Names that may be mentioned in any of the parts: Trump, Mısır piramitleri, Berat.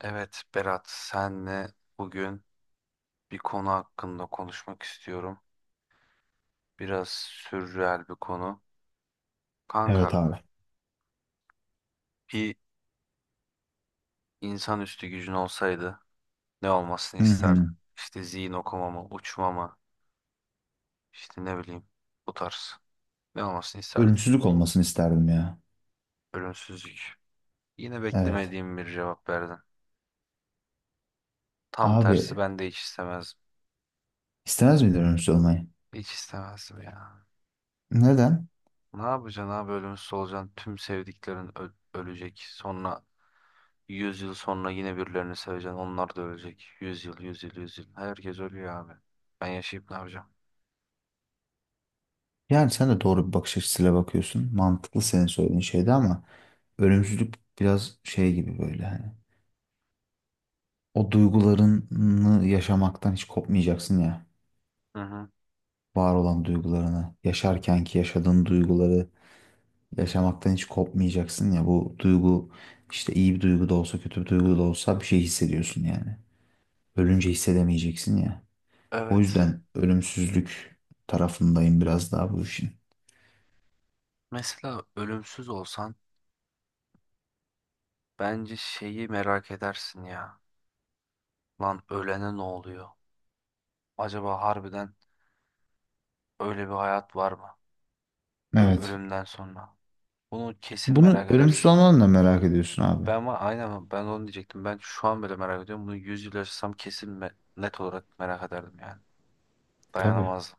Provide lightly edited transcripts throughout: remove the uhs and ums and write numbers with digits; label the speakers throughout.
Speaker 1: Evet Berat, senle bugün bir konu hakkında konuşmak istiyorum. Biraz sürreel bir konu.
Speaker 2: Evet
Speaker 1: Kanka,
Speaker 2: abi.
Speaker 1: bir insanüstü gücün olsaydı ne olmasını
Speaker 2: Hı
Speaker 1: isterdin?
Speaker 2: hı.
Speaker 1: İşte zihin okuma mı, uçma mı, işte ne bileyim bu tarz. Ne olmasını isterdin?
Speaker 2: Ölümsüzlük olmasını isterdim ya.
Speaker 1: Ölümsüzlük. Yine
Speaker 2: Evet.
Speaker 1: beklemediğim bir cevap verdin. Tam
Speaker 2: Abi,
Speaker 1: tersi ben de hiç istemezdim.
Speaker 2: istemez miydin ölümsüz olmayı?
Speaker 1: Hiç istemezdim ya.
Speaker 2: Neden?
Speaker 1: Ne yapacaksın abi, ölümsüz olacaksın. Tüm sevdiklerin ölecek. Sonra yüz yıl sonra yine birilerini seveceksin. Onlar da ölecek. 100 yıl, 100 yıl, 100 yıl. Herkes ölüyor abi. Ben yaşayıp ne yapacağım?
Speaker 2: Yani sen de doğru bir bakış açısıyla bakıyorsun. Mantıklı senin söylediğin şeyde ama ölümsüzlük biraz şey gibi böyle hani. O duygularını yaşamaktan hiç kopmayacaksın ya.
Speaker 1: Hı hı.
Speaker 2: Var olan duygularını, yaşarkenki yaşadığın duyguları yaşamaktan hiç kopmayacaksın ya. Bu duygu işte iyi bir duygu da olsa kötü bir duygu da olsa bir şey hissediyorsun yani. Ölünce hissedemeyeceksin ya. O
Speaker 1: Evet.
Speaker 2: yüzden ölümsüzlük tarafındayım biraz daha bu işin.
Speaker 1: Mesela ölümsüz olsan bence şeyi merak edersin ya. Lan ölene ne oluyor? Acaba harbiden öyle bir hayat var mı?
Speaker 2: Evet.
Speaker 1: Ölümden sonra. Bunu kesin
Speaker 2: Bunu
Speaker 1: merak
Speaker 2: ölümsüz
Speaker 1: edersin.
Speaker 2: olmanı da merak ediyorsun abi.
Speaker 1: Ben ama aynen ben onu diyecektim. Ben şu an bile merak ediyorum. Bunu 100 yıl yaşasam kesin net olarak merak ederdim yani.
Speaker 2: Tabii.
Speaker 1: Dayanamazdım.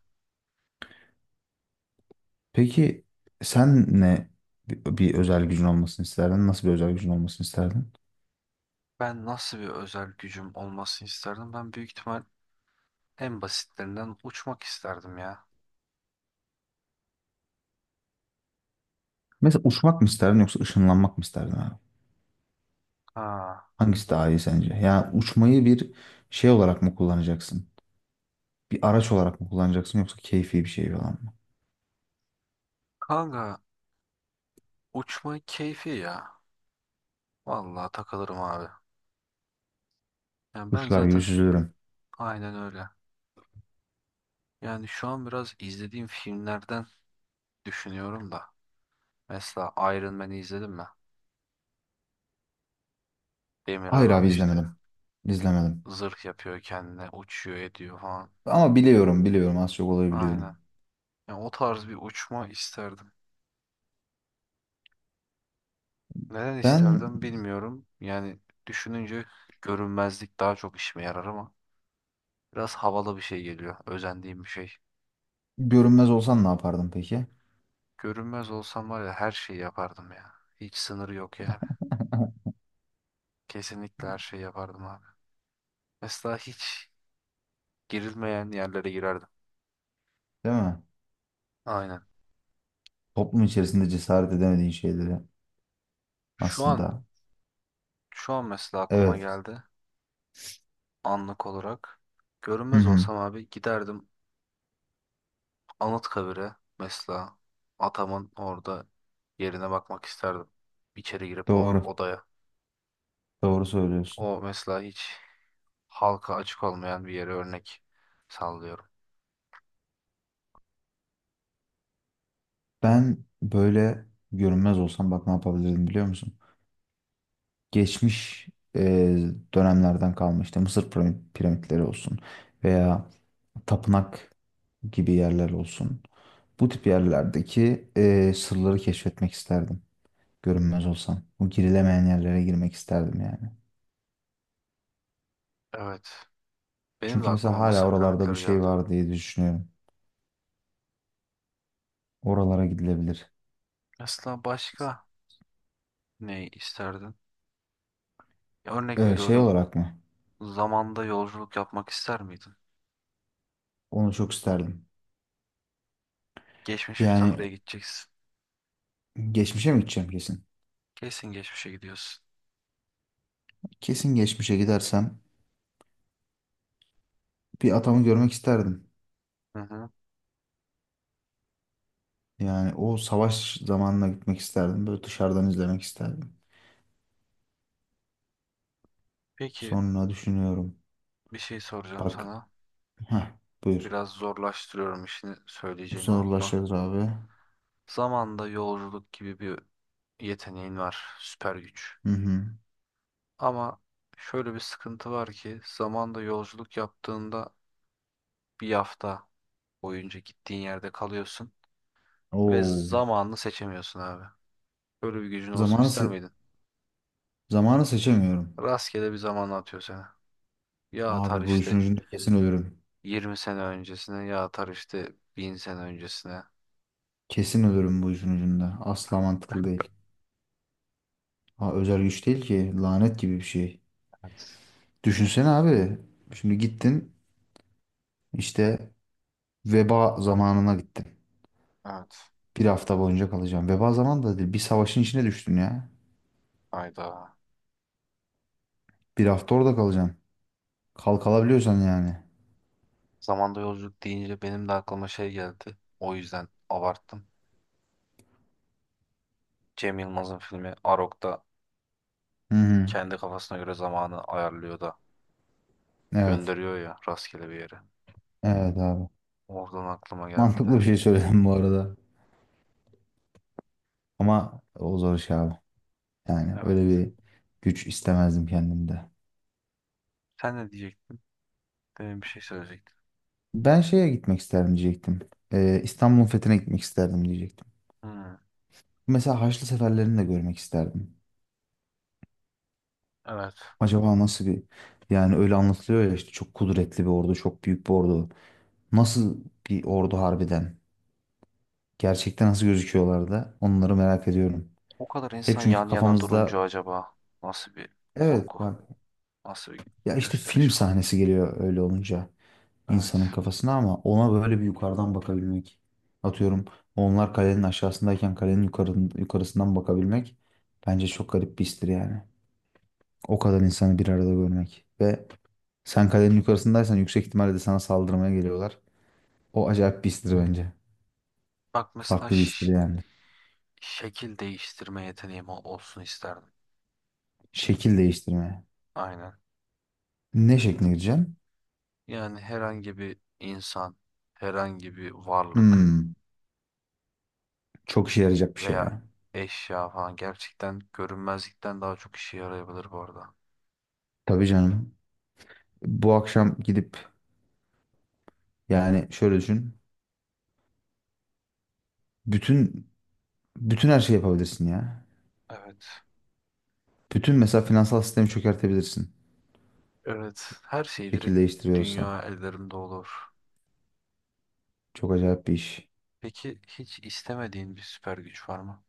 Speaker 2: Peki sen ne bir özel gücün olmasını isterdin? Nasıl bir özel gücün olmasını isterdin?
Speaker 1: Ben nasıl bir özel gücüm olmasını isterdim? Ben büyük ihtimal en basitlerinden uçmak isterdim ya.
Speaker 2: Mesela uçmak mı isterdin yoksa ışınlanmak mı isterdin abi?
Speaker 1: Ha.
Speaker 2: Hangisi daha iyi sence? Yani uçmayı bir şey olarak mı kullanacaksın? Bir araç olarak mı kullanacaksın yoksa keyfi bir şey falan mı?
Speaker 1: Kanka, uçmayı keyfi ya. Vallahi takılırım abi. Yani ben
Speaker 2: Kuşlar gibi
Speaker 1: zaten
Speaker 2: süzülürüm.
Speaker 1: aynen öyle. Yani şu an biraz izlediğim filmlerden düşünüyorum da. Mesela Iron Man'i izledin mi? Demir
Speaker 2: Hayır
Speaker 1: adam
Speaker 2: abi,
Speaker 1: işte.
Speaker 2: izlemedim. İzlemedim.
Speaker 1: Zırh yapıyor kendine, uçuyor ediyor falan.
Speaker 2: Ama biliyorum az çok olayı
Speaker 1: Aynen.
Speaker 2: biliyorum.
Speaker 1: Yani o tarz bir uçma isterdim. Neden
Speaker 2: Ben
Speaker 1: isterdim bilmiyorum. Yani düşününce görünmezlik daha çok işime yarar ama biraz havalı bir şey geliyor. Özendiğim bir şey.
Speaker 2: görünmez olsan ne yapardın peki?
Speaker 1: Görünmez olsam var ya, her şeyi yapardım ya. Hiç sınırı yok yani. Kesinlikle her şeyi yapardım abi. Mesela hiç girilmeyen yerlere girerdim.
Speaker 2: Değil mi?
Speaker 1: Aynen.
Speaker 2: Toplum içerisinde cesaret edemediğin şeyleri
Speaker 1: Şu an
Speaker 2: aslında.
Speaker 1: şu an mesela aklıma
Speaker 2: Evet.
Speaker 1: geldi anlık olarak.
Speaker 2: Hı
Speaker 1: Görünmez
Speaker 2: hı.
Speaker 1: olsam abi giderdim Anıtkabir'e, mesela atamın orada yerine bakmak isterdim. İçeri girip o
Speaker 2: Doğru.
Speaker 1: odaya.
Speaker 2: Doğru söylüyorsun.
Speaker 1: O mesela hiç halka açık olmayan bir yere örnek sallıyorum.
Speaker 2: Ben böyle görünmez olsam bak ne yapabilirdim biliyor musun? Geçmiş e, dönemlerden kalma işte Mısır piramitleri olsun veya tapınak gibi yerler olsun. Bu tip yerlerdeki sırları keşfetmek isterdim. Görünmez olsam. Bu girilemeyen yerlere girmek isterdim yani.
Speaker 1: Evet. Benim de
Speaker 2: Çünkü mesela
Speaker 1: aklıma
Speaker 2: hala
Speaker 1: Mısır
Speaker 2: oralarda bir
Speaker 1: piramitleri
Speaker 2: şey
Speaker 1: geldi.
Speaker 2: var diye düşünüyorum. Oralara gidilebilir.
Speaker 1: Mesela başka ne isterdin? Ya, örnek
Speaker 2: Şey
Speaker 1: veriyorum.
Speaker 2: olarak mı?
Speaker 1: Zamanda yolculuk yapmak ister miydin?
Speaker 2: Onu çok isterdim.
Speaker 1: Geçmiş bir tarihe
Speaker 2: Yani
Speaker 1: gideceksin.
Speaker 2: geçmişe mi gideceğim kesin?
Speaker 1: Kesin geçmişe gidiyorsun.
Speaker 2: Kesin geçmişe gidersem bir atamı görmek isterdim.
Speaker 1: Hı hı.
Speaker 2: Yani o savaş zamanına gitmek isterdim. Böyle dışarıdan izlemek isterdim.
Speaker 1: Peki,
Speaker 2: Sonra düşünüyorum.
Speaker 1: bir şey soracağım
Speaker 2: Bak,
Speaker 1: sana.
Speaker 2: heh, buyur.
Speaker 1: Biraz zorlaştırıyorum, işini söyleyeceğini unutma.
Speaker 2: Zorlaşır abi.
Speaker 1: Zamanda yolculuk gibi bir yeteneğin var. Süper güç.
Speaker 2: Hı hı.
Speaker 1: Ama şöyle bir sıkıntı var ki, zamanda yolculuk yaptığında bir hafta boyunca gittiğin yerde kalıyorsun ve
Speaker 2: Oo.
Speaker 1: zamanını seçemiyorsun abi. Böyle bir gücün olsun
Speaker 2: Zamanı,
Speaker 1: ister
Speaker 2: se-
Speaker 1: miydin?
Speaker 2: zamanı seçemiyorum.
Speaker 1: Rastgele bir zamana atıyor seni. Ya atar
Speaker 2: Abi, bu işin
Speaker 1: işte
Speaker 2: ucunda kesin ölürüm.
Speaker 1: 20 sene öncesine, ya atar işte 1000 sene öncesine.
Speaker 2: Kesin ölürüm bu işin ucunda. Asla mantıklı değil. Ha, özel güç değil ki. Lanet gibi bir şey.
Speaker 1: Evet.
Speaker 2: Düşünsene abi. Şimdi gittin, işte veba zamanına gittin.
Speaker 1: Evet.
Speaker 2: Bir hafta boyunca kalacaksın. Veba zamanı da değil. Bir savaşın içine düştün ya.
Speaker 1: Hayda.
Speaker 2: Bir hafta orada kalacaksın. Kalkalabiliyorsan yani.
Speaker 1: Zamanda yolculuk deyince benim de aklıma şey geldi. O yüzden abarttım. Cem Yılmaz'ın filmi Arok'ta
Speaker 2: Hı hı.
Speaker 1: kendi kafasına göre zamanı ayarlıyor da.
Speaker 2: Evet.
Speaker 1: Gönderiyor ya rastgele bir yere.
Speaker 2: Evet abi.
Speaker 1: Oradan aklıma geldi.
Speaker 2: Mantıklı bir şey söyledim bu arada. Ama o zor iş abi. Yani öyle
Speaker 1: Evet.
Speaker 2: bir güç istemezdim kendimde.
Speaker 1: Sen ne diyecektin? Demin bir şey söyleyecektin.
Speaker 2: Ben şeye gitmek isterdim diyecektim. İstanbul'un fethine gitmek isterdim diyecektim.
Speaker 1: Hmm,
Speaker 2: Mesela Haçlı seferlerini de görmek isterdim.
Speaker 1: evet.
Speaker 2: Acaba nasıl bir, yani öyle anlatılıyor ya işte çok kudretli bir ordu, çok büyük bir ordu. Nasıl bir ordu harbiden? Gerçekten nasıl gözüküyorlar, da onları merak ediyorum.
Speaker 1: O kadar
Speaker 2: Hep
Speaker 1: insan
Speaker 2: çünkü
Speaker 1: yan yana durunca
Speaker 2: kafamızda,
Speaker 1: acaba nasıl bir
Speaker 2: evet
Speaker 1: korku,
Speaker 2: bak,
Speaker 1: nasıl bir
Speaker 2: ya işte film
Speaker 1: gösteriş falan.
Speaker 2: sahnesi geliyor öyle olunca
Speaker 1: Evet.
Speaker 2: insanın kafasına, ama ona böyle bir yukarıdan bakabilmek. Atıyorum, onlar kalenin aşağısındayken kalenin yukarısından bakabilmek bence çok garip bir histir yani. O kadar insanı bir arada görmek. Ve sen kalenin yukarısındaysan yüksek ihtimalle de sana saldırmaya geliyorlar. O acayip bir histir bence.
Speaker 1: Bak mesela
Speaker 2: Farklı bir histir yani.
Speaker 1: şekil değiştirme yeteneğim olsun isterdim.
Speaker 2: Şekil değiştirmeye.
Speaker 1: Aynen.
Speaker 2: Ne şekline gireceğim?
Speaker 1: Yani herhangi bir insan, herhangi bir varlık
Speaker 2: Hmm, çok işe yarayacak bir şey
Speaker 1: veya
Speaker 2: ya.
Speaker 1: eşya falan gerçekten görünmezlikten daha çok işe yarayabilir bu arada.
Speaker 2: Tabii canım. Bu akşam gidip, yani şöyle düşün. Bütün bütün her şeyi yapabilirsin ya.
Speaker 1: Evet.
Speaker 2: Bütün mesela finansal sistemi çökertebilirsin.
Speaker 1: Evet, her şey
Speaker 2: Şekil
Speaker 1: direkt
Speaker 2: değiştiriyorsan.
Speaker 1: dünya ellerimde olur.
Speaker 2: Çok acayip bir iş.
Speaker 1: Peki hiç istemediğin bir süper güç var mı?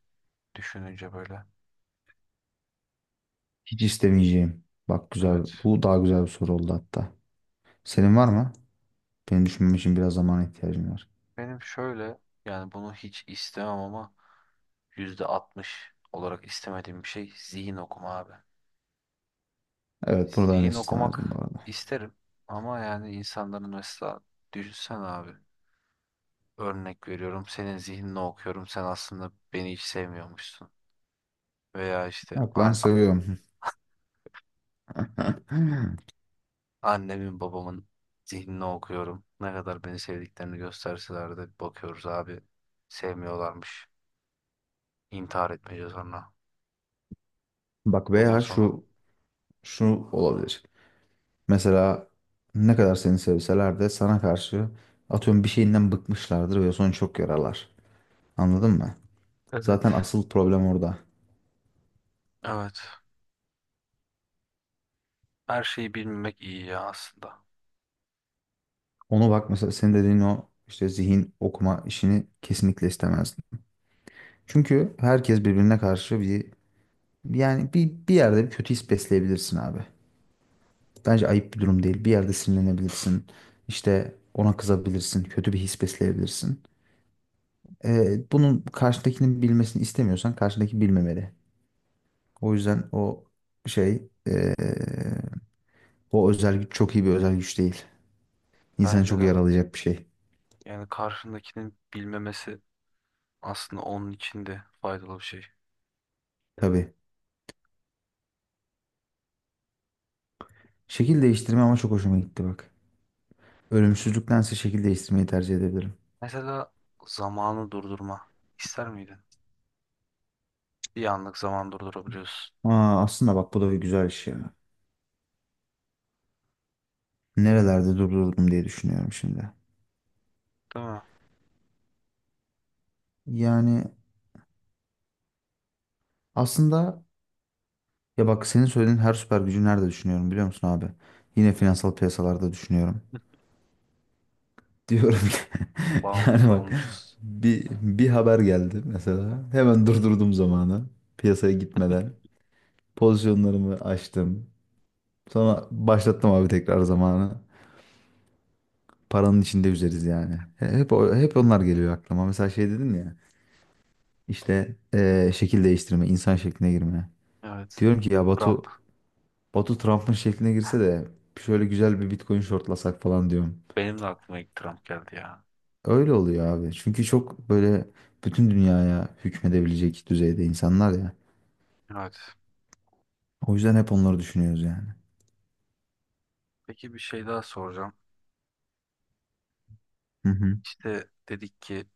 Speaker 1: Düşününce böyle.
Speaker 2: Hiç istemeyeceğim. Bak güzel.
Speaker 1: Evet.
Speaker 2: Bu daha güzel bir soru oldu hatta. Senin var mı? Benim düşünmem için biraz zamana ihtiyacım var.
Speaker 1: Benim şöyle, yani bunu hiç istemem ama %60 olarak istemediğim bir şey zihin okuma abi.
Speaker 2: Evet, bunu ben de
Speaker 1: Zihin
Speaker 2: istemezdim bu
Speaker 1: okumak
Speaker 2: arada.
Speaker 1: isterim ama yani insanların, mesela düşünsen abi, örnek veriyorum senin zihnini okuyorum, sen aslında beni hiç sevmiyormuşsun. Veya işte,
Speaker 2: Yok lan, seviyorum.
Speaker 1: annemin babamın zihnini okuyorum. Ne kadar beni sevdiklerini gösterseler de bakıyoruz abi. Sevmiyorlarmış. İntihar etmeyeceğiz sonra.
Speaker 2: Bak,
Speaker 1: Yolun
Speaker 2: veya
Speaker 1: sonu.
Speaker 2: şu olabilir. Mesela ne kadar seni sevseler de sana karşı, atıyorum, bir şeyinden bıkmışlardır ve sonra çok yararlar. Anladın mı?
Speaker 1: Evet.
Speaker 2: Zaten asıl problem orada.
Speaker 1: Evet. Her şeyi bilmemek iyi ya aslında.
Speaker 2: Onu bak, mesela senin dediğin o işte zihin okuma işini kesinlikle istemezdim. Çünkü herkes birbirine karşı bir, yani bir yerde bir kötü his besleyebilirsin abi. Bence ayıp bir durum değil. Bir yerde sinirlenebilirsin. İşte ona kızabilirsin. Kötü bir his besleyebilirsin. Bunun karşıdakinin bilmesini istemiyorsan karşıdaki bilmemeli. O yüzden şey ee, o özel güç çok iyi bir özel güç değil. İnsanı
Speaker 1: Bence
Speaker 2: çok
Speaker 1: de.
Speaker 2: yaralayacak bir şey.
Speaker 1: Yani karşındakinin bilmemesi aslında onun için de faydalı bir şey.
Speaker 2: Tabii. Şekil değiştirme ama çok hoşuma gitti bak. Ölümsüzlüktense şekil değiştirmeyi tercih edebilirim.
Speaker 1: Mesela zamanı durdurma. İster miydin? Bir anlık zaman durdurabiliyorsun.
Speaker 2: Aa, aslında bak, bu da bir güzel iş ya. Nerelerde durdurdum diye düşünüyorum şimdi.
Speaker 1: Değil mi?
Speaker 2: Yani aslında, ya bak, senin söylediğin her süper gücü nerede düşünüyorum biliyor musun abi? Yine finansal piyasalarda düşünüyorum. Diyorum ki yani
Speaker 1: Bağımlısı
Speaker 2: bak,
Speaker 1: olmuşuz.
Speaker 2: bir haber geldi mesela. Hemen durdurdum zamanı. Piyasaya gitmeden. Pozisyonlarımı açtım. Sonra başlattım abi tekrar zamanı. Paranın içinde üzeriz yani. Hep onlar geliyor aklıma. Mesela şey dedim ya, işte şekil değiştirme, insan şekline girme.
Speaker 1: Evet.
Speaker 2: Diyorum ki ya
Speaker 1: Trump.
Speaker 2: Batu, Batu Trump'ın şekline girse de şöyle güzel bir Bitcoin shortlasak falan diyorum.
Speaker 1: Benim de aklıma ilk Trump geldi ya.
Speaker 2: Öyle oluyor abi. Çünkü çok böyle bütün dünyaya hükmedebilecek düzeyde insanlar ya.
Speaker 1: Evet.
Speaker 2: O yüzden hep onları düşünüyoruz yani.
Speaker 1: Peki, bir şey daha soracağım.
Speaker 2: Hı hı.
Speaker 1: İşte dedik ki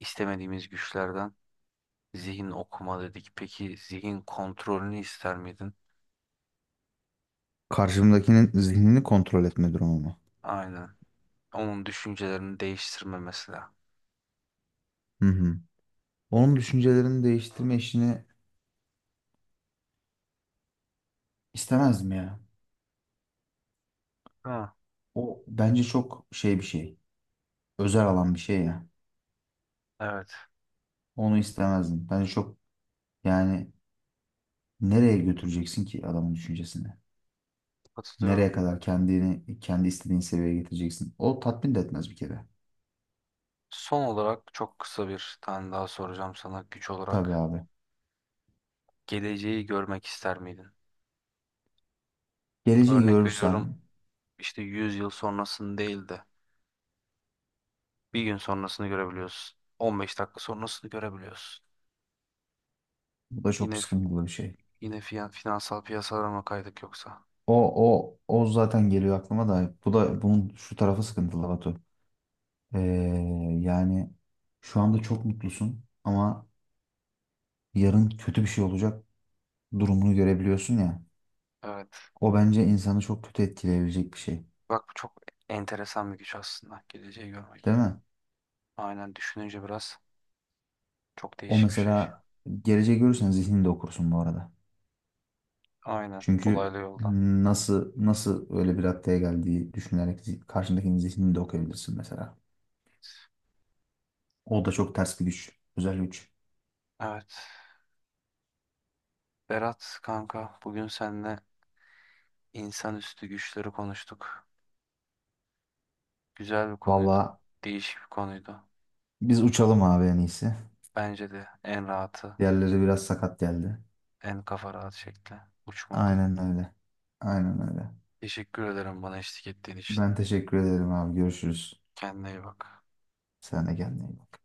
Speaker 1: istemediğimiz güçlerden zihin okuma dedik. Peki zihin kontrolünü ister miydin?
Speaker 2: Karşımdakinin zihnini kontrol etme durumu mu?
Speaker 1: Aynen. Onun düşüncelerini değiştirme mesela.
Speaker 2: Hı hı. Onun düşüncelerini değiştirme işini istemezdim ya.
Speaker 1: Ha,
Speaker 2: O bence çok şey bir şey. Özel alan bir şey ya.
Speaker 1: evet.
Speaker 2: Onu istemezdim. Bence çok, yani nereye götüreceksin ki adamın düşüncesini? Nereye
Speaker 1: Katılıyorum.
Speaker 2: kadar kendini kendi istediğin seviyeye getireceksin? O tatmin de etmez bir kere.
Speaker 1: Son olarak çok kısa bir tane daha soracağım sana güç
Speaker 2: Tabii
Speaker 1: olarak.
Speaker 2: abi.
Speaker 1: Geleceği görmek ister miydin?
Speaker 2: Geleceği
Speaker 1: Örnek veriyorum,
Speaker 2: görürsem
Speaker 1: işte 100 yıl sonrasını değil de bir gün sonrasını görebiliyorsun, 15 dakika sonrasını görebiliyorsun.
Speaker 2: bu da çok
Speaker 1: Yine
Speaker 2: sıkıntılı bir şey.
Speaker 1: yine finansal piyasalara mı kaydık yoksa?
Speaker 2: O zaten geliyor aklıma da bu da bunun şu tarafı sıkıntılı Batu. Ee, yani şu anda çok mutlusun ama yarın kötü bir şey olacak durumunu görebiliyorsun ya.
Speaker 1: Evet.
Speaker 2: O bence insanı çok kötü etkileyebilecek bir şey.
Speaker 1: Bak, bu çok enteresan bir güç aslında. Geleceği görmek.
Speaker 2: Değil mi?
Speaker 1: Aynen, düşününce biraz çok
Speaker 2: O
Speaker 1: değişik bir şey.
Speaker 2: mesela geleceği görürsen zihnini okursun bu arada.
Speaker 1: Aynen.
Speaker 2: Çünkü
Speaker 1: Dolaylı yoldan.
Speaker 2: nasıl öyle bir raddeye geldiği düşünerek karşındakinin zihnini de okuyabilirsin mesela. O da çok ters bir güç, özel güç.
Speaker 1: Evet. Berat kanka, bugün seninle insanüstü güçleri konuştuk. Güzel bir konuydu.
Speaker 2: Vallahi,
Speaker 1: Değişik bir konuydu.
Speaker 2: biz uçalım abi en iyisi.
Speaker 1: Bence de en rahatı,
Speaker 2: Diğerleri biraz sakat geldi.
Speaker 1: en kafa rahat şekli uçmak.
Speaker 2: Aynen öyle. Aynen öyle.
Speaker 1: Teşekkür ederim bana eşlik ettiğin için.
Speaker 2: Ben teşekkür ederim abi. Görüşürüz.
Speaker 1: Kendine iyi bak.
Speaker 2: Sen de kendine iyi bak.